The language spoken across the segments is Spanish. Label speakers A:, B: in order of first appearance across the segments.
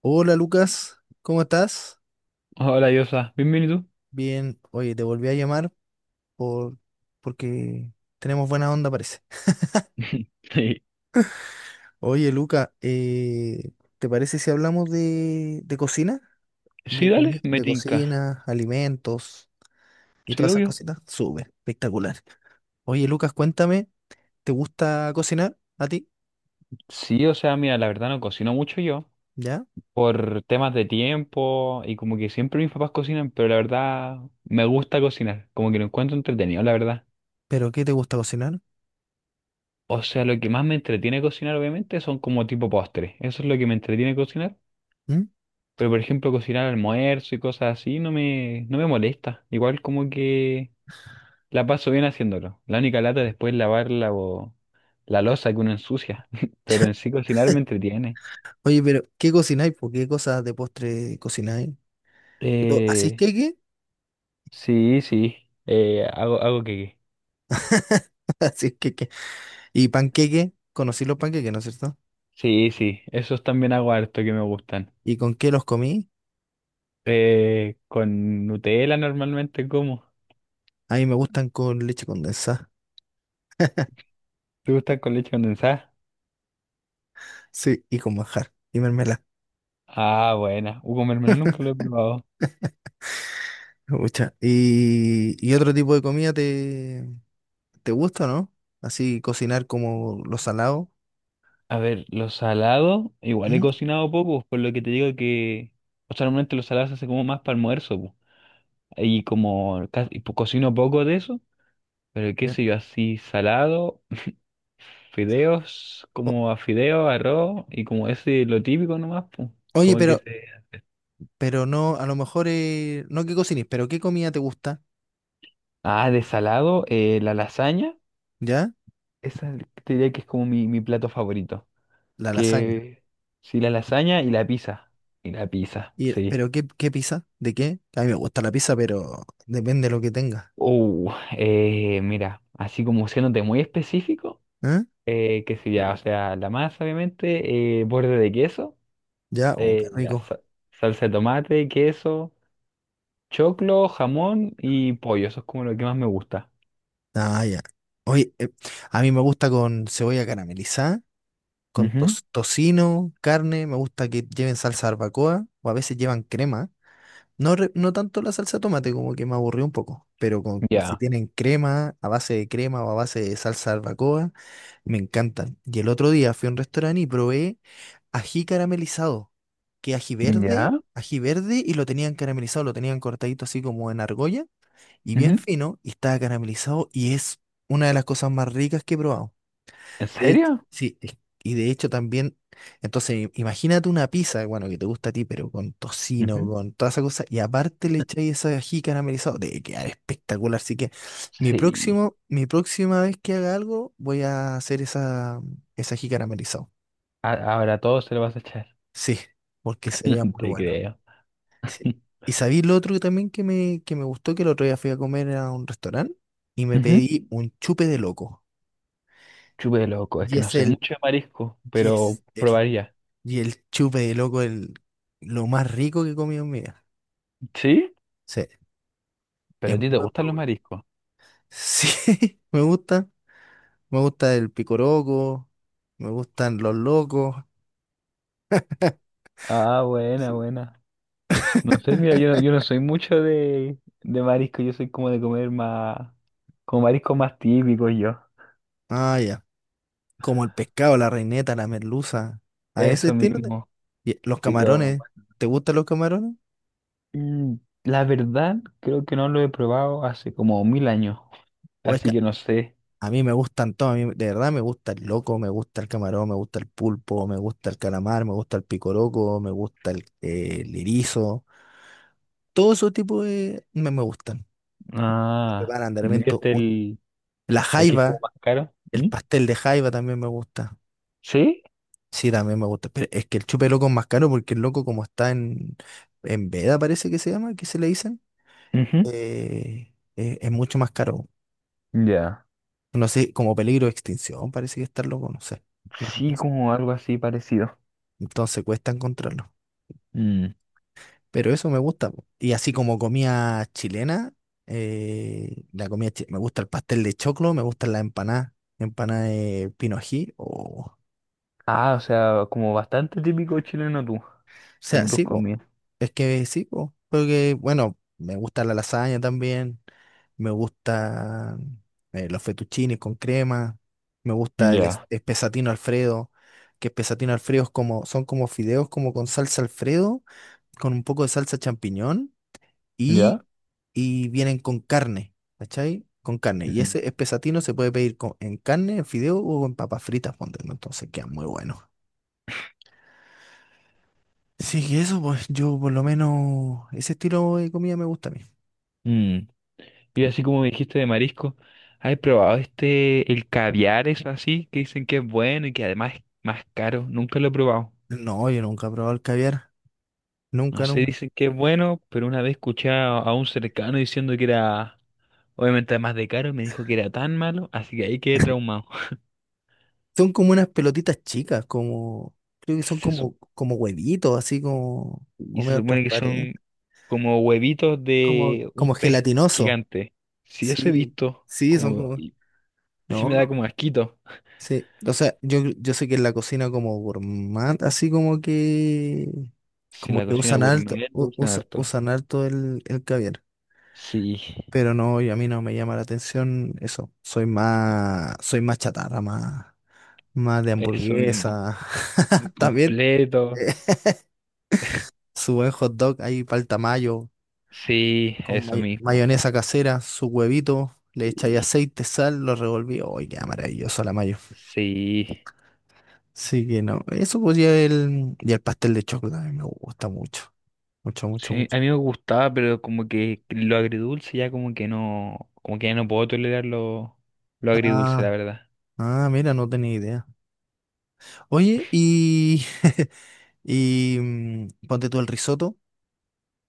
A: Hola Lucas, ¿cómo estás?
B: Hola, Yosa. Bienvenido.
A: Bien, oye, te volví a llamar por porque tenemos buena onda, parece.
B: Sí,
A: Oye Lucas, ¿te parece si hablamos de cocina?
B: sí, dale, me
A: De
B: tinca.
A: cocina, alimentos y
B: Sí,
A: todas esas
B: obvio.
A: cositas. Súper, espectacular. Oye Lucas, cuéntame, ¿te gusta cocinar a ti?
B: Sí, o sea, mira, la verdad no cocino mucho yo
A: ¿Ya?
B: por temas de tiempo y como que siempre mis papás cocinan, pero la verdad me gusta cocinar, como que lo encuentro entretenido, la verdad.
A: ¿Pero qué te gusta cocinar?
B: O sea, lo que más me entretiene cocinar, obviamente, son como tipo postres. Eso es lo que me entretiene cocinar.
A: ¿Mm?
B: Pero, por ejemplo, cocinar almuerzo y cosas así no me molesta. Igual como que la paso bien haciéndolo. La única lata después es lavar la loza que uno ensucia. Pero en sí cocinar me entretiene.
A: Oye, pero ¿qué cocináis? ¿Por qué cosas de postre cocináis? ¿Así es
B: Eh,
A: que qué?
B: sí, sí. Hago que.
A: ¿Así es que Y panqueque, conocí los panqueques, ¿no es cierto?
B: Sí, sí. Esos también hago harto que me gustan.
A: ¿Y con qué los comí?
B: Con Nutella normalmente como.
A: A mí me gustan con leche condensada.
B: ¿Te gustan con leche condensada?
A: Sí, y con manjar. Y mermelada.
B: Ah, buena. Con mermelada nunca lo he probado.
A: Pucha. ¿Y otro tipo de comida te gusta, no? Así cocinar como lo salado.
B: A ver, los salados, igual he
A: ¿Mm?
B: cocinado poco, por lo que te digo que. O sea, normalmente los salados se hace como más para almuerzo, y como casi, cocino poco de eso, pero qué
A: Ya.
B: sé yo, así salado, fideos,
A: O-
B: como a fideos, arroz y como ese lo típico nomás, pues.
A: oye,
B: Como que se...
A: pero no, a lo mejor, no que cocines, pero ¿qué comida te gusta?
B: Ah, de salado, la lasaña,
A: ¿Ya?
B: esa te diría que es como mi plato favorito.
A: La lasaña.
B: Que sí, la lasaña y la pizza. Y la pizza,
A: Y,
B: sí.
A: ¿pero qué pizza? ¿De qué? A mí me gusta la pizza, pero depende de lo que tenga.
B: Uh, Mira, así como siéndote muy específico,
A: ¿Eh?
B: qué sé ya, o sea, la masa, obviamente, borde de queso.
A: ¿Ya? Oh, qué
B: Ya,
A: rico.
B: salsa de tomate, queso, choclo, jamón y pollo. Eso es como lo que más me gusta.
A: Ah, ya. Oye, a mí me gusta con cebolla caramelizada, con
B: Ujú.
A: tocino, carne, me gusta que lleven salsa barbacoa o a veces llevan crema. No, no tanto la salsa de tomate, como que me aburrió un poco, pero con, pues, si
B: Ya.
A: tienen crema, a base de crema o a base de salsa barbacoa, me encantan. Y el otro día fui a un restaurante y probé ají caramelizado, que
B: Ya.
A: ají verde y lo tenían caramelizado, lo tenían cortadito así como en argolla y bien
B: Ujú.
A: fino y estaba caramelizado y es una de las cosas más ricas que he probado.
B: ¿En
A: De hecho,
B: serio?
A: sí, y de hecho también, entonces imagínate una pizza, bueno, que te gusta a ti, pero con tocino,
B: Ujú.
A: con toda esa cosa, y aparte le echáis ese ají caramelizado, debe quedar espectacular. Así que mi
B: Sí.
A: próximo, mi próxima vez que haga algo, voy a hacer esa, ese ají caramelizado.
B: Ahora todo se lo vas a echar.
A: Sí, porque sería muy
B: Te
A: bueno.
B: creo.
A: Sí. Y sabí lo otro que también que me gustó, que el otro día fui a comer a un restaurante y me
B: Ujú.
A: pedí un chupe de loco.
B: Chupe loco, es
A: Y
B: que no
A: es
B: soy
A: el,
B: mucho de marisco,
A: y
B: pero
A: es el,
B: probaría.
A: y el chupe de loco, el, lo más rico que he comido en mi vida.
B: ¿Sí?
A: Sí, es
B: ¿Pero a ti te
A: muy, muy
B: gustan los
A: bueno.
B: mariscos?
A: Sí, me gusta. Me gusta el picoroco, me gustan los locos.
B: Ah, buena,
A: Sí.
B: buena. No sé, mira, yo no soy mucho de marisco, yo soy como de comer más, como mariscos más típicos yo.
A: Ah, ya. Como el pescado, la reineta, la merluza. A ese
B: Eso
A: estilo.
B: mismo.
A: Y los
B: Sí.
A: camarones. ¿Te gustan los camarones?
B: Mm, La verdad, creo que no lo he probado hace como 1000 años,
A: ¿O es,
B: así
A: ca-
B: que no sé.
A: A mí me gustan todos, a mí de verdad me gusta el loco, me gusta el camarón, me gusta el pulpo, me gusta el calamar, me gusta el picoroco, me gusta el erizo. Todo ese tipo de me gustan.
B: Ah,
A: Preparan de elemento
B: ¿viste el,
A: la
B: el que es como
A: jaiba,
B: más caro?
A: el
B: ¿Mm?
A: pastel de jaiba también me gusta.
B: ¿Sí?
A: Sí, también me gusta. Pero es que el chupe loco es más caro porque el loco como está en veda, parece que se llama, que se le dicen,
B: Ujú.
A: es mucho más caro.
B: Ya.
A: No sé, como peligro de extinción, parece que está el loco, no sé.
B: Sí, como algo así parecido.
A: Entonces cuesta encontrarlo.
B: Mm.
A: Pero eso me gusta. Po. Y así como comida chilena, la comida me gusta el pastel de choclo, me gustan las empanadas, empanada de pinojí. O o
B: Ah, o sea, como bastante típico chileno tú, como
A: sea,
B: tus
A: sí, po,
B: comidas.
A: es que sí, po, porque bueno, me gusta la lasaña también, me gustan los fettuccines con crema, me gusta el
B: Ya.
A: espesatino Alfredo, que espesatino Alfredo es como, son como fideos como con salsa Alfredo, con un poco de salsa champiñón y,
B: ¿Ya?
A: y vienen con carne, ¿cachai? Con carne. Y
B: Mm.
A: ese espesatino se puede pedir en carne, en fideo o en papas fritas, ponte, ¿no? Entonces queda muy bueno. Sí, que eso, pues yo por lo menos ese estilo de comida me gusta a mí.
B: Mm. Y así como me dijiste de marisco, ¿has probado este, el caviar, eso así, que dicen que es bueno y que además es más caro? Nunca lo he probado.
A: No, yo nunca he probado el caviar,
B: No
A: nunca,
B: sé,
A: nunca.
B: dicen que es bueno, pero una vez escuché a un cercano diciendo que era, obviamente además de caro, me dijo que era tan malo, así que ahí quedé traumado.
A: Son como unas pelotitas chicas, como, creo que son
B: Se su-
A: como, como huevitos, así como,
B: y
A: o
B: se
A: medio
B: supone que
A: transparentes,
B: son como huevitos
A: como,
B: de un
A: como
B: pez
A: gelatinoso.
B: gigante. Si eso he
A: Sí,
B: visto,
A: sí, son
B: como,
A: como...
B: y sí me da
A: No,
B: como asquito.
A: Sí, o sea, yo sé que en la cocina como gourmand, así
B: Si
A: como
B: la
A: que
B: cocina
A: usan alto,
B: gourmet lo usan harto.
A: usan alto el caviar.
B: Sí,
A: Pero no, y a mí no me llama la atención eso.
B: no,
A: Soy más chatarra, más, más de
B: eso mismo.
A: hamburguesa. También
B: Completo.
A: eh, su buen hot dog ahí palta mayo,
B: Sí,
A: con
B: eso mismo.
A: mayonesa casera, su huevito, le echáis
B: Sí,
A: aceite, sal, lo revolví. ¡Ay, qué maravilloso la mayo!
B: sí.
A: Sí que no. Eso pues y el pastel de chocolate a mí me gusta mucho. Mucho, mucho,
B: Sí,
A: mucho.
B: a mí me gustaba, pero como que lo agridulce ya como que no, como que ya no puedo tolerar lo agridulce, la
A: Ah,
B: verdad.
A: ah, mira, no tenía idea. Oye, y, y mm, ponte tú el risotto.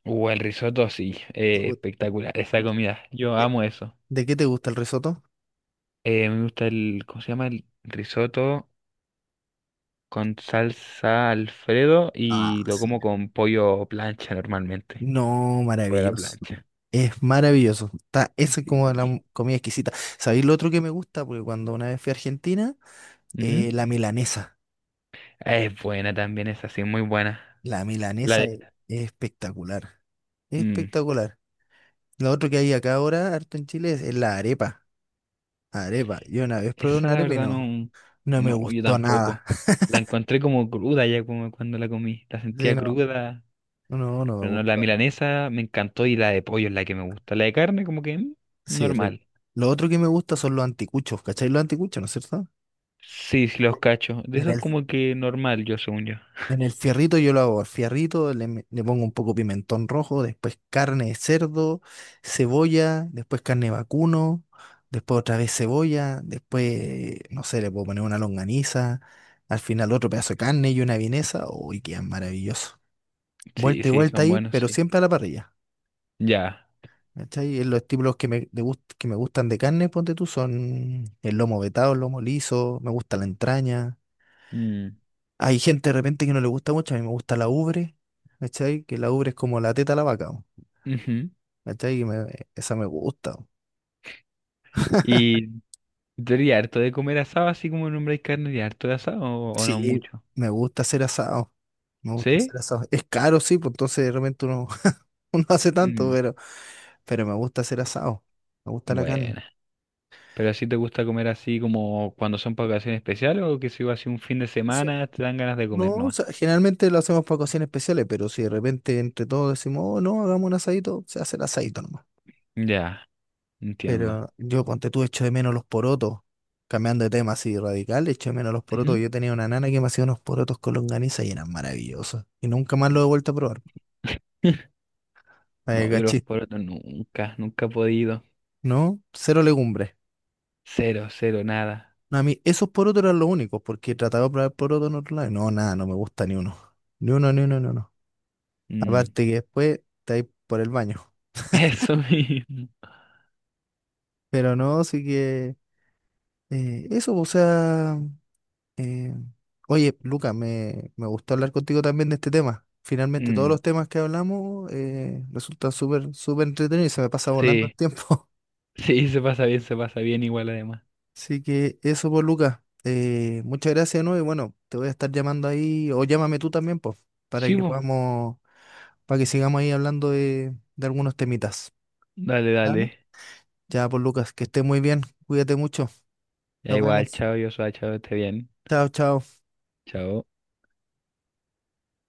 B: El risotto sí,
A: ¿Te gu-
B: espectacular, esa comida, yo
A: ¿De,
B: amo eso.
A: de qué te gusta el risotto?
B: Me gusta el, ¿cómo se llama? El risotto con salsa Alfredo y
A: Ah,
B: lo
A: sí.
B: como con pollo plancha normalmente,
A: No,
B: pollo a la
A: maravilloso.
B: plancha.
A: Es maravilloso. Está, esa es como la
B: Y,
A: comida exquisita. ¿Sabéis lo otro que me gusta? Porque cuando una vez fui a Argentina,
B: ujú.
A: la milanesa.
B: Es buena también, es así, muy buena.
A: La
B: La
A: milanesa
B: de-
A: es espectacular.
B: mm,
A: Espectacular. Lo otro que hay acá ahora, harto en Chile, es la arepa. Arepa. Yo una vez probé
B: Esa
A: una
B: la
A: arepa y
B: verdad
A: no,
B: no,
A: no me
B: no, yo
A: gustó
B: tampoco.
A: nada.
B: La encontré como cruda ya como cuando la comí. La
A: Sí,
B: sentía
A: no,
B: cruda,
A: no, no me
B: pero no, la
A: gustó.
B: milanesa me encantó y la de pollo es la que me gusta. La de carne como que
A: Sí, rico.
B: normal.
A: Lo otro que me gusta son los anticuchos, ¿cachai? Los anticuchos, ¿no es cierto?
B: Sí, sí, los
A: Sí.
B: cachos. De
A: En
B: esos
A: el,
B: como que normal, yo según yo.
A: en el fierrito yo lo hago. Al fierrito le pongo un poco pimentón rojo, después carne de cerdo, cebolla, después carne de vacuno, después otra vez cebolla, después, no sé, le puedo poner una longaniza, al final otro pedazo de carne y una vienesa. Uy, qué maravilloso.
B: Sí,
A: Vuelta y
B: sí,
A: vuelta
B: son
A: ahí,
B: buenos,
A: pero
B: sí.
A: siempre a la parrilla.
B: Ya.
A: ¿Cachai? Los estímulos que me gustan de carne, ponte tú, son el lomo vetado, el lomo liso, me gusta la entraña.
B: Mm,
A: Hay gente de repente que no le gusta mucho, a mí me gusta la ubre, ¿cachai? Que la ubre es como la teta a la vaca, ¿no?
B: ujú.
A: ¿Cachai? Esa me gusta. ¿No?
B: ¿Y tú eres harto de comer asado así como nombre de carne y harto de asado o no
A: Sí,
B: mucho?
A: me gusta hacer asado. Me gusta
B: ¿Sí?
A: hacer asado. Es caro, sí, pues entonces de repente uno, uno hace tanto,
B: Mm,
A: pero me gusta hacer asado. Me gusta la carne.
B: bueno. ¿Pero así te gusta comer así como cuando son para ocasiones especiales o que si va así un fin de semana te dan ganas de comer
A: No, o
B: nomás?
A: sea, generalmente lo hacemos para ocasiones especiales, pero si de repente entre todos decimos, oh, no, hagamos un asadito, se hace el asadito nomás.
B: Ya, entiendo.
A: Pero yo, ponte tú, echo de menos los porotos, cambiando de tema así radical, echo de menos los porotos.
B: Ujú.
A: Yo tenía una nana que me hacía unos porotos con longaniza y eran maravillosos. Y nunca más lo he vuelto a probar.
B: No, yo los
A: Cachí,
B: porotos nunca, nunca he podido.
A: ¿no? Cero legumbres.
B: Cero, cero, nada.
A: No, a mí esos porotos eran los únicos, porque he tratado de probar porotos en otro lado. Y No, nada, no me gusta ni uno. Ni uno, ni uno, ni uno.
B: Mm.
A: Aparte que después te vais por el baño.
B: Eso mismo.
A: Pero no, sí que... eso, o sea, eh, oye, Luca, me gustó hablar contigo también de este tema. Finalmente, todos
B: Mm,
A: los temas que hablamos resultan súper, súper entretenidos y se me pasa volando el
B: Sí,
A: tiempo.
B: sí, se pasa bien igual además.
A: Así que eso, por Luca. Muchas gracias, ¿no? Y bueno, te voy a estar llamando ahí, o llámame tú también, pues, para
B: Sí,
A: que
B: vos.
A: podamos, para que sigamos ahí hablando de algunos temitas.
B: Dale,
A: ¿Ah, no?
B: dale.
A: Ya, por Lucas, que estés muy bien, cuídate mucho,
B: Ya
A: nos
B: igual,
A: vemos.
B: chao, yo soy chao, esté bien.
A: Chao, chao.
B: Chao.